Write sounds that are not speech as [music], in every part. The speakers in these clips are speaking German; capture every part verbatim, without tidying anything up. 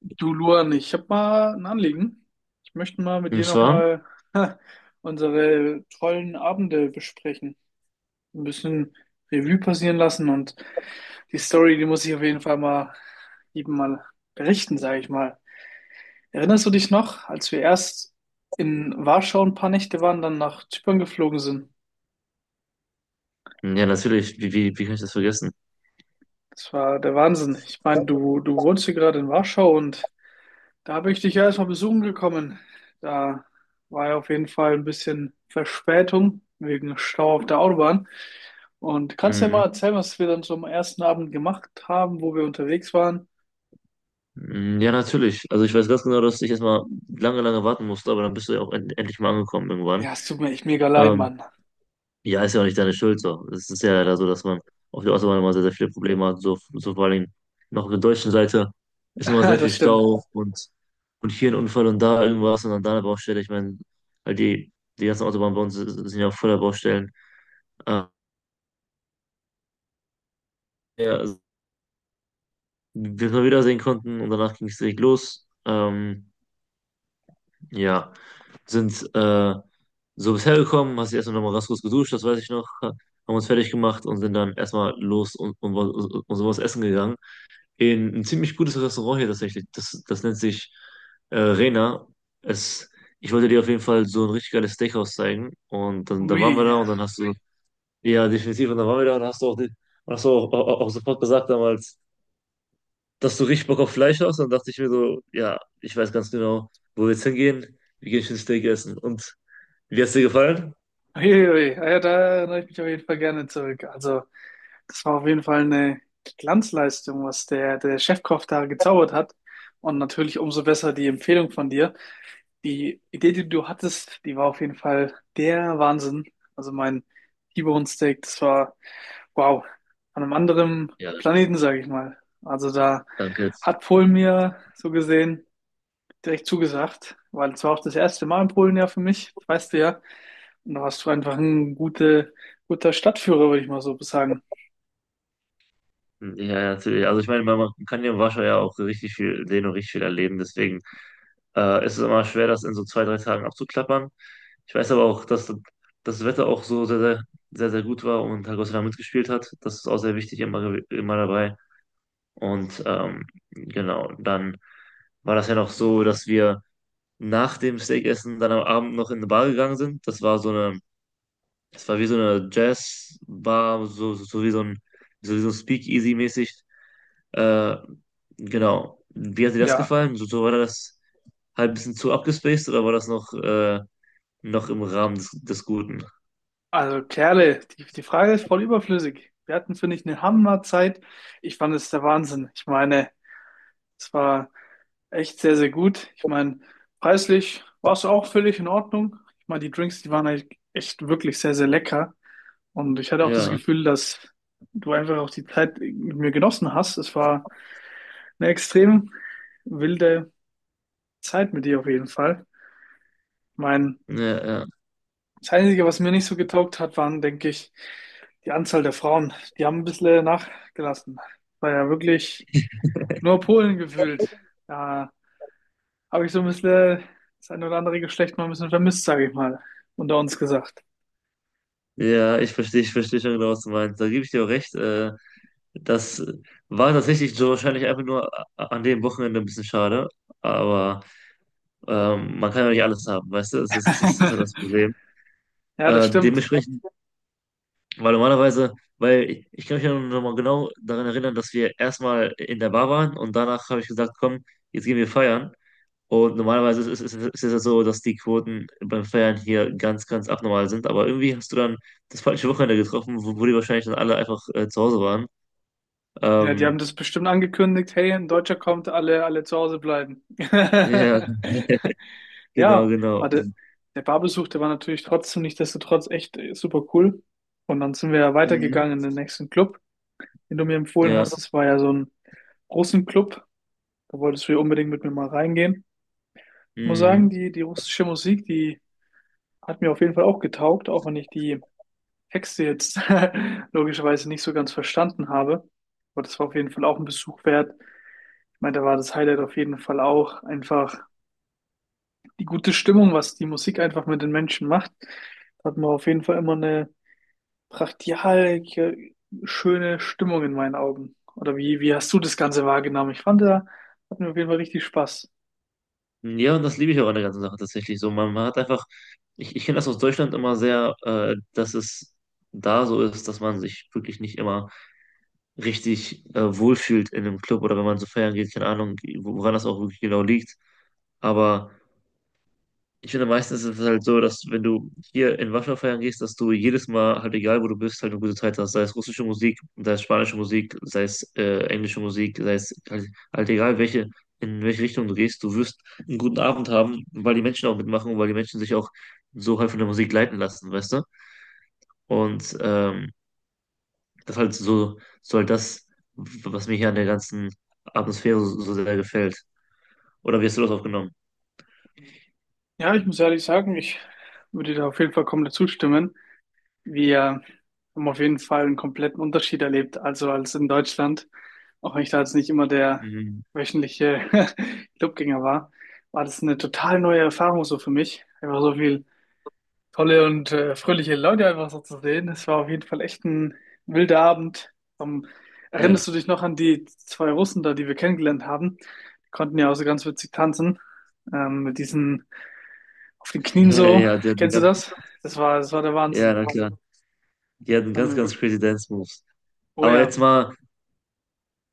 Du Luan, ich habe mal ein Anliegen. Ich möchte mal mit Und dir zwar, nochmal [laughs] unsere tollen Abende besprechen. Ein bisschen Revue passieren lassen und die Story, die muss ich auf jeden Fall mal jedem mal berichten, sage ich mal. Erinnerst du dich noch, als wir erst in Warschau ein paar Nächte waren, dann nach Zypern geflogen sind? ja, natürlich, wie, wie, wie kann ich das vergessen? Das war der Wahnsinn. Ich meine, du, du wohnst hier gerade in Warschau und da bin ich dich ja erstmal besuchen gekommen. Da war ja auf jeden Fall ein bisschen Verspätung wegen Stau auf der Autobahn. Und kannst du mir Mhm. mal erzählen, was wir dann so am ersten Abend gemacht haben, wo wir unterwegs waren? Mhm, ja, natürlich. Also ich weiß ganz genau, dass ich erstmal lange, lange warten musste, aber dann bist du ja auch end endlich mal angekommen irgendwann. Ja, es tut mir echt mega leid, Ähm, Mann. ja, ist ja auch nicht deine Schuld so. Es ist ja leider so, dass man auf der Autobahn immer sehr, sehr viele Probleme hat. So, so vor allen Dingen noch auf der deutschen Seite ist immer sehr [laughs] viel Das stimmt. Stau und, und hier ein Unfall und da irgendwas und dann da eine Baustelle. Ich meine, halt die, die ganzen Autobahnen bei uns sind ja auch voller Baustellen. Äh, ja, also, bis wir wiedersehen konnten und danach ging es direkt los. Ähm, Ja, sind äh, so bisher gekommen, hast dich erstmal nochmal ganz kurz geduscht, das weiß ich noch, ha- haben uns fertig gemacht und sind dann erstmal los und, und, was- und so was essen gegangen. In ein ziemlich gutes Restaurant hier tatsächlich, das, das nennt sich äh, Rena. Es, Ich wollte dir auf jeden Fall so ein richtig geiles Steakhouse zeigen und dann, dann waren wir Ui. da und dann hast du, ja definitiv, und dann waren wir da und hast du auch, die, hast du auch, auch, auch sofort gesagt damals, dass du richtig Bock auf Fleisch hast. Dann dachte ich mir so, ja, ich weiß ganz genau, wo wir jetzt hingehen. Wir gehen schön Steak essen. Und wie hat's dir gefallen? Ui, ui. Ah, ja, da erinnere ich mich auf jeden Fall gerne zurück. Also, das war auf jeden Fall eine Glanzleistung, was der, der Chefkoch da gezaubert hat. Und natürlich umso besser die Empfehlung von dir. Die Idee, die du hattest, die war auf jeden Fall der Wahnsinn. Also mein T-Bone Steak, das war wow, an einem anderen Ja, Planeten, sage ich mal. Also da danke. hat Polen mir so gesehen direkt zugesagt, weil es war auch das erste Mal in Polen ja für mich, das weißt du ja. Und da warst du einfach ein gute, guter Stadtführer, würde ich mal so sagen. Ja, ja, natürlich. Also ich meine, man man kann hier in Warschau ja auch richtig viel sehen und richtig viel erleben. Deswegen äh, ist es immer schwer, das in so zwei, drei Tagen abzuklappern. Ich weiß aber auch, dass das Wetter auch so sehr, sehr, sehr, sehr gut war und Herr mitgespielt hat. Das ist auch sehr wichtig, immer, immer dabei. Und ähm, genau, dann war das ja noch so, dass wir nach dem Steakessen dann am Abend noch in eine Bar gegangen sind. Das war so eine, das war wie so eine Jazzbar, so, so, so wie so ein, so wie so ein Speakeasy-mäßig. Äh, genau. Wie hat dir das Ja, gefallen? So, so war das halt ein bisschen zu abgespaced oder war das noch, äh, noch im Rahmen des, des Guten? also Kerle, die, die Frage ist voll überflüssig. Wir hatten, finde ich, eine Hammerzeit. Ich fand es der Wahnsinn. Ich meine, es war echt sehr, sehr gut. Ich meine, preislich war es auch völlig in Ordnung. Ich meine, die Drinks, die waren echt echt wirklich sehr, sehr lecker. Und ich hatte auch das Ja, Gefühl, dass du einfach auch die Zeit mit mir genossen hast. Es war eine extrem wilde Zeit mit dir auf jeden Fall. Mein, ja, ja. das Einzige, was mir nicht so getaugt hat, waren, denke ich, die Anzahl der Frauen. Die haben ein bisschen nachgelassen. War ja wirklich nur Polen gefüllt. Da habe ich so ein bisschen das ein oder andere Geschlecht mal ein bisschen vermisst, sage ich mal, unter uns gesagt. Ja, ich verstehe, ich verstehe schon genau, was du meinst. Da gebe ich dir auch recht. Äh, das war tatsächlich so wahrscheinlich einfach nur a- an dem Wochenende ein bisschen schade. Aber Ähm, man kann ja nicht alles haben, weißt du? Das ist, das ist, das ist ja das [laughs] Problem. Ja, das Äh, stimmt. dementsprechend, weil normalerweise, weil ich, ich kann mich ja noch mal genau daran erinnern, dass wir erstmal in der Bar waren und danach habe ich gesagt, komm, jetzt gehen wir feiern. Und normalerweise ist, ist, ist, ist es ja so, dass die Quoten beim Feiern hier ganz, ganz abnormal sind. Aber irgendwie hast du dann das falsche Wochenende getroffen, wo, wo die wahrscheinlich dann alle einfach äh, zu Hause waren. Ja, die haben Ähm, das bestimmt angekündigt, hey, ein Deutscher kommt, alle, alle zu Hause bleiben. [laughs] ja, genau, Ja, aber genau. der, der Barbesuch, der war natürlich trotzdem nichtsdestotrotz echt äh, super cool. Und dann sind wir ja Mhm. weitergegangen in den nächsten Club, den du mir empfohlen Ja. hast. Das war ja so ein Russenclub. Da wolltest du ja unbedingt mit mir mal reingehen. Ich muss sagen, Mhm. die, die russische Musik, die hat mir auf jeden Fall auch getaugt, auch wenn ich die Texte jetzt [laughs] logischerweise nicht so ganz verstanden habe. Aber das war auf jeden Fall auch ein Besuch wert. Ich meine, da war das Highlight auf jeden Fall auch einfach die gute Stimmung, was die Musik einfach mit den Menschen macht. Da hat man auf jeden Fall immer eine brachial schöne Stimmung in meinen Augen. Oder wie, wie hast du das Ganze wahrgenommen? Ich fand, da hatten wir auf jeden Fall richtig Spaß. Ja, und das liebe ich auch an der ganzen Sache tatsächlich so. Man, man hat einfach, ich, ich kenne das aus Deutschland immer sehr, äh, dass es da so ist, dass man sich wirklich nicht immer richtig äh, wohlfühlt in einem Club oder wenn man so feiern geht, keine Ahnung, woran das auch wirklich genau liegt. Aber. Ich finde, meistens ist es halt so, dass wenn du hier in Warschau feiern gehst, dass du jedes Mal, halt egal wo du bist, halt eine gute Zeit hast. Sei es russische Musik, sei es spanische Musik, sei es äh, englische Musik, sei es halt, halt egal welche, in welche Richtung du gehst, du wirst einen guten Abend haben, weil die Menschen auch mitmachen und weil die Menschen sich auch so halt von der Musik leiten lassen, weißt du? Und ähm, das ist halt so, so halt das, was mir hier an der ganzen Atmosphäre so, so sehr gefällt. Oder wie hast du das aufgenommen? Ja, ich muss ehrlich sagen, ich würde dir da auf jeden Fall komplett zustimmen. Wir haben auf jeden Fall einen kompletten Unterschied erlebt, also als in Deutschland. Auch wenn ich da jetzt nicht immer der Mhm. wöchentliche [laughs] Clubgänger war, war das eine total neue Erfahrung so für mich. Einfach so viel tolle und äh, fröhliche Leute einfach so zu sehen. Es war auf jeden Fall echt ein wilder Abend. Ähm, Ja, Erinnerst du dich noch an die zwei Russen da, die wir kennengelernt haben? Die konnten ja auch so ganz witzig tanzen, ähm, mit diesen auf den Knien [laughs] so. ja, der, die Kennst du ganze, das? Das war, das war der ja, Wahnsinn. na klar. Die hatten Hat ganz, mir, ganz crazy Dance Moves. oh Aber ja, jetzt mal,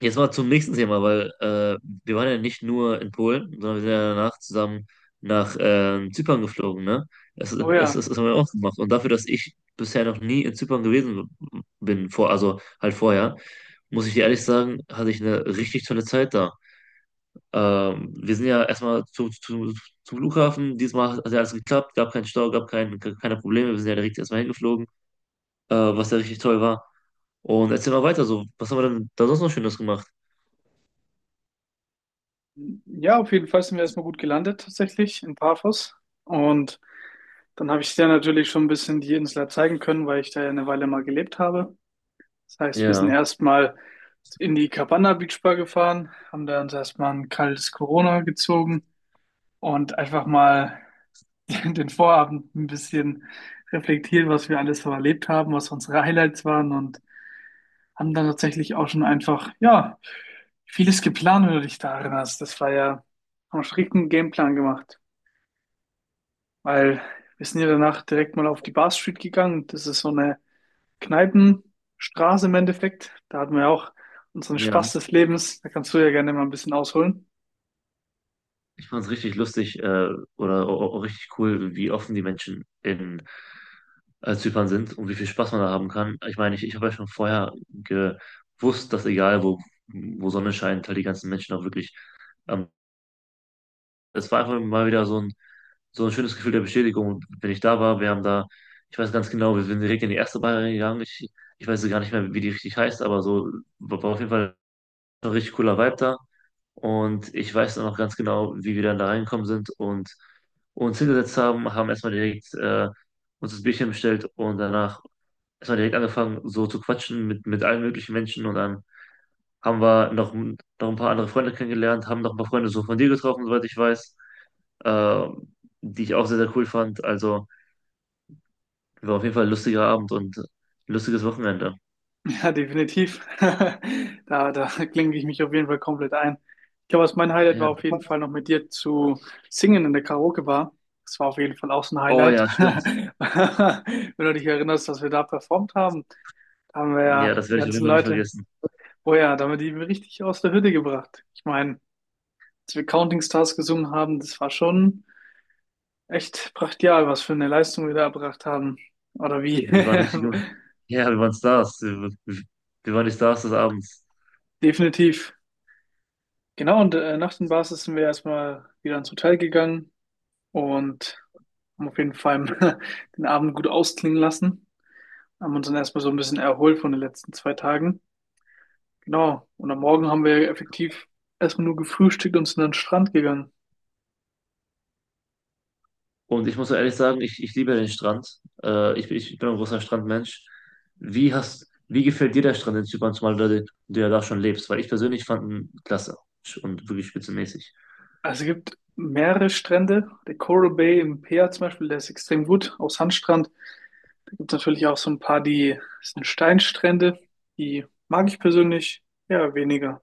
jetzt mal zum nächsten Thema, weil äh, wir waren ja nicht nur in Polen, sondern wir sind ja danach zusammen nach ähm, Zypern geflogen, ne? Das, das, oh ja. Das, das haben wir auch gemacht. Und dafür, dass ich bisher noch nie in Zypern gewesen bin, vor, also halt vorher, muss ich dir ehrlich sagen, hatte ich eine richtig tolle Zeit da. Ähm, wir sind ja erstmal zu, zu, zum Flughafen. Diesmal hat ja alles geklappt, gab keinen Stau, gab kein, keine Probleme. Wir sind ja direkt erstmal hingeflogen, äh, was ja richtig toll war. Und erzähl mal weiter so. Was haben wir denn da sonst noch Schönes gemacht? Ja, auf jeden Fall sind wir erstmal gut gelandet tatsächlich in Paphos. Und dann habe ich dir natürlich schon ein bisschen die Insel zeigen können, weil ich da ja eine Weile mal gelebt habe. Das heißt, wir sind Ja, erstmal in die Cabana Beach Bar gefahren, haben da uns erstmal ein kaltes Corona gezogen und einfach mal [laughs] den Vorabend ein bisschen reflektiert, was wir alles so erlebt haben, was unsere Highlights waren. Und haben dann tatsächlich auch schon einfach, ja, vieles geplant, wenn du dich da erinnerst. Das war ja, haben einen strikten Gameplan gemacht, weil wir sind ja danach direkt mal auf die Bar Street gegangen. Das ist so eine Kneipenstraße im Endeffekt. Da hatten wir ja auch unseren ja. Spaß des Lebens. Da kannst du ja gerne mal ein bisschen ausholen. Ich fand es richtig lustig äh, oder au- au- richtig cool, wie offen die Menschen in äh, Zypern sind und wie viel Spaß man da haben kann. Ich meine, ich, ich habe ja schon vorher gewusst, dass egal wo, wo Sonne scheint, halt die ganzen Menschen auch wirklich. Ähm, es war einfach mal wieder so ein, so ein schönes Gefühl der Bestätigung. Und wenn ich da war, wir haben da, ich weiß ganz genau, wir sind direkt in die erste Bar gegangen. Ich, ich weiß gar nicht mehr, wie die richtig heißt, aber so war war auf jeden Fall ein richtig cooler Vibe da. Und ich weiß dann noch ganz genau, wie wir dann da reingekommen sind und uns hingesetzt haben, haben erstmal direkt äh, uns das Bierchen bestellt und danach erstmal direkt angefangen, so zu quatschen mit, mit allen möglichen Menschen und dann haben wir noch, noch ein paar andere Freunde kennengelernt, haben noch ein paar Freunde so von dir getroffen, soweit ich weiß, äh, die ich auch sehr, sehr cool fand. Also war auf jeden Fall ein lustiger Abend und ein lustiges Wochenende. Ja, definitiv. [laughs] Da, da klinke ich mich auf jeden Fall komplett ein. Ich glaube, was mein Highlight war, Ja. auf jeden Fall noch mit dir zu singen in der Karaoke-Bar. Das war auf jeden Fall auch so ein Oh Highlight. ja, [laughs] stimmt. Wenn du dich erinnerst, dass wir da performt haben, da haben wir Ja, ja das die werde ich auf jeden ganzen Fall nicht Leute, vergessen. oh ja, da haben wir die richtig aus der Hütte gebracht. Ich meine, als wir Counting Stars gesungen haben, das war schon echt brachial, was für eine Leistung wir da erbracht haben. Oder wie? Wir waren richtig, ja, wir waren Stars. Wir, wir waren die Stars des Abends. [laughs] Definitiv. Genau, und äh, nach den Basis sind wir erstmal wieder ins Hotel gegangen und haben auf jeden Fall [laughs] den Abend gut ausklingen lassen. Haben uns dann erstmal so ein bisschen erholt von den letzten zwei Tagen. Genau, und am Morgen haben wir effektiv erstmal nur gefrühstückt und sind an den Strand gegangen. Und ich muss so ehrlich sagen, ich, ich liebe den Strand. Äh, ich, bin- ich bin ein großer Strandmensch. Wie hast, wie gefällt dir der Strand in Zypern, zumal du, da- du ja da schon lebst? Weil ich persönlich fand ihn klasse und wirklich spitzenmäßig. Also es gibt mehrere Strände. Der Coral Bay in Peer zum Beispiel, der ist extrem gut, auch Sandstrand. Da gibt es natürlich auch so ein paar, die das sind Steinstrände. Die mag ich persönlich ja weniger.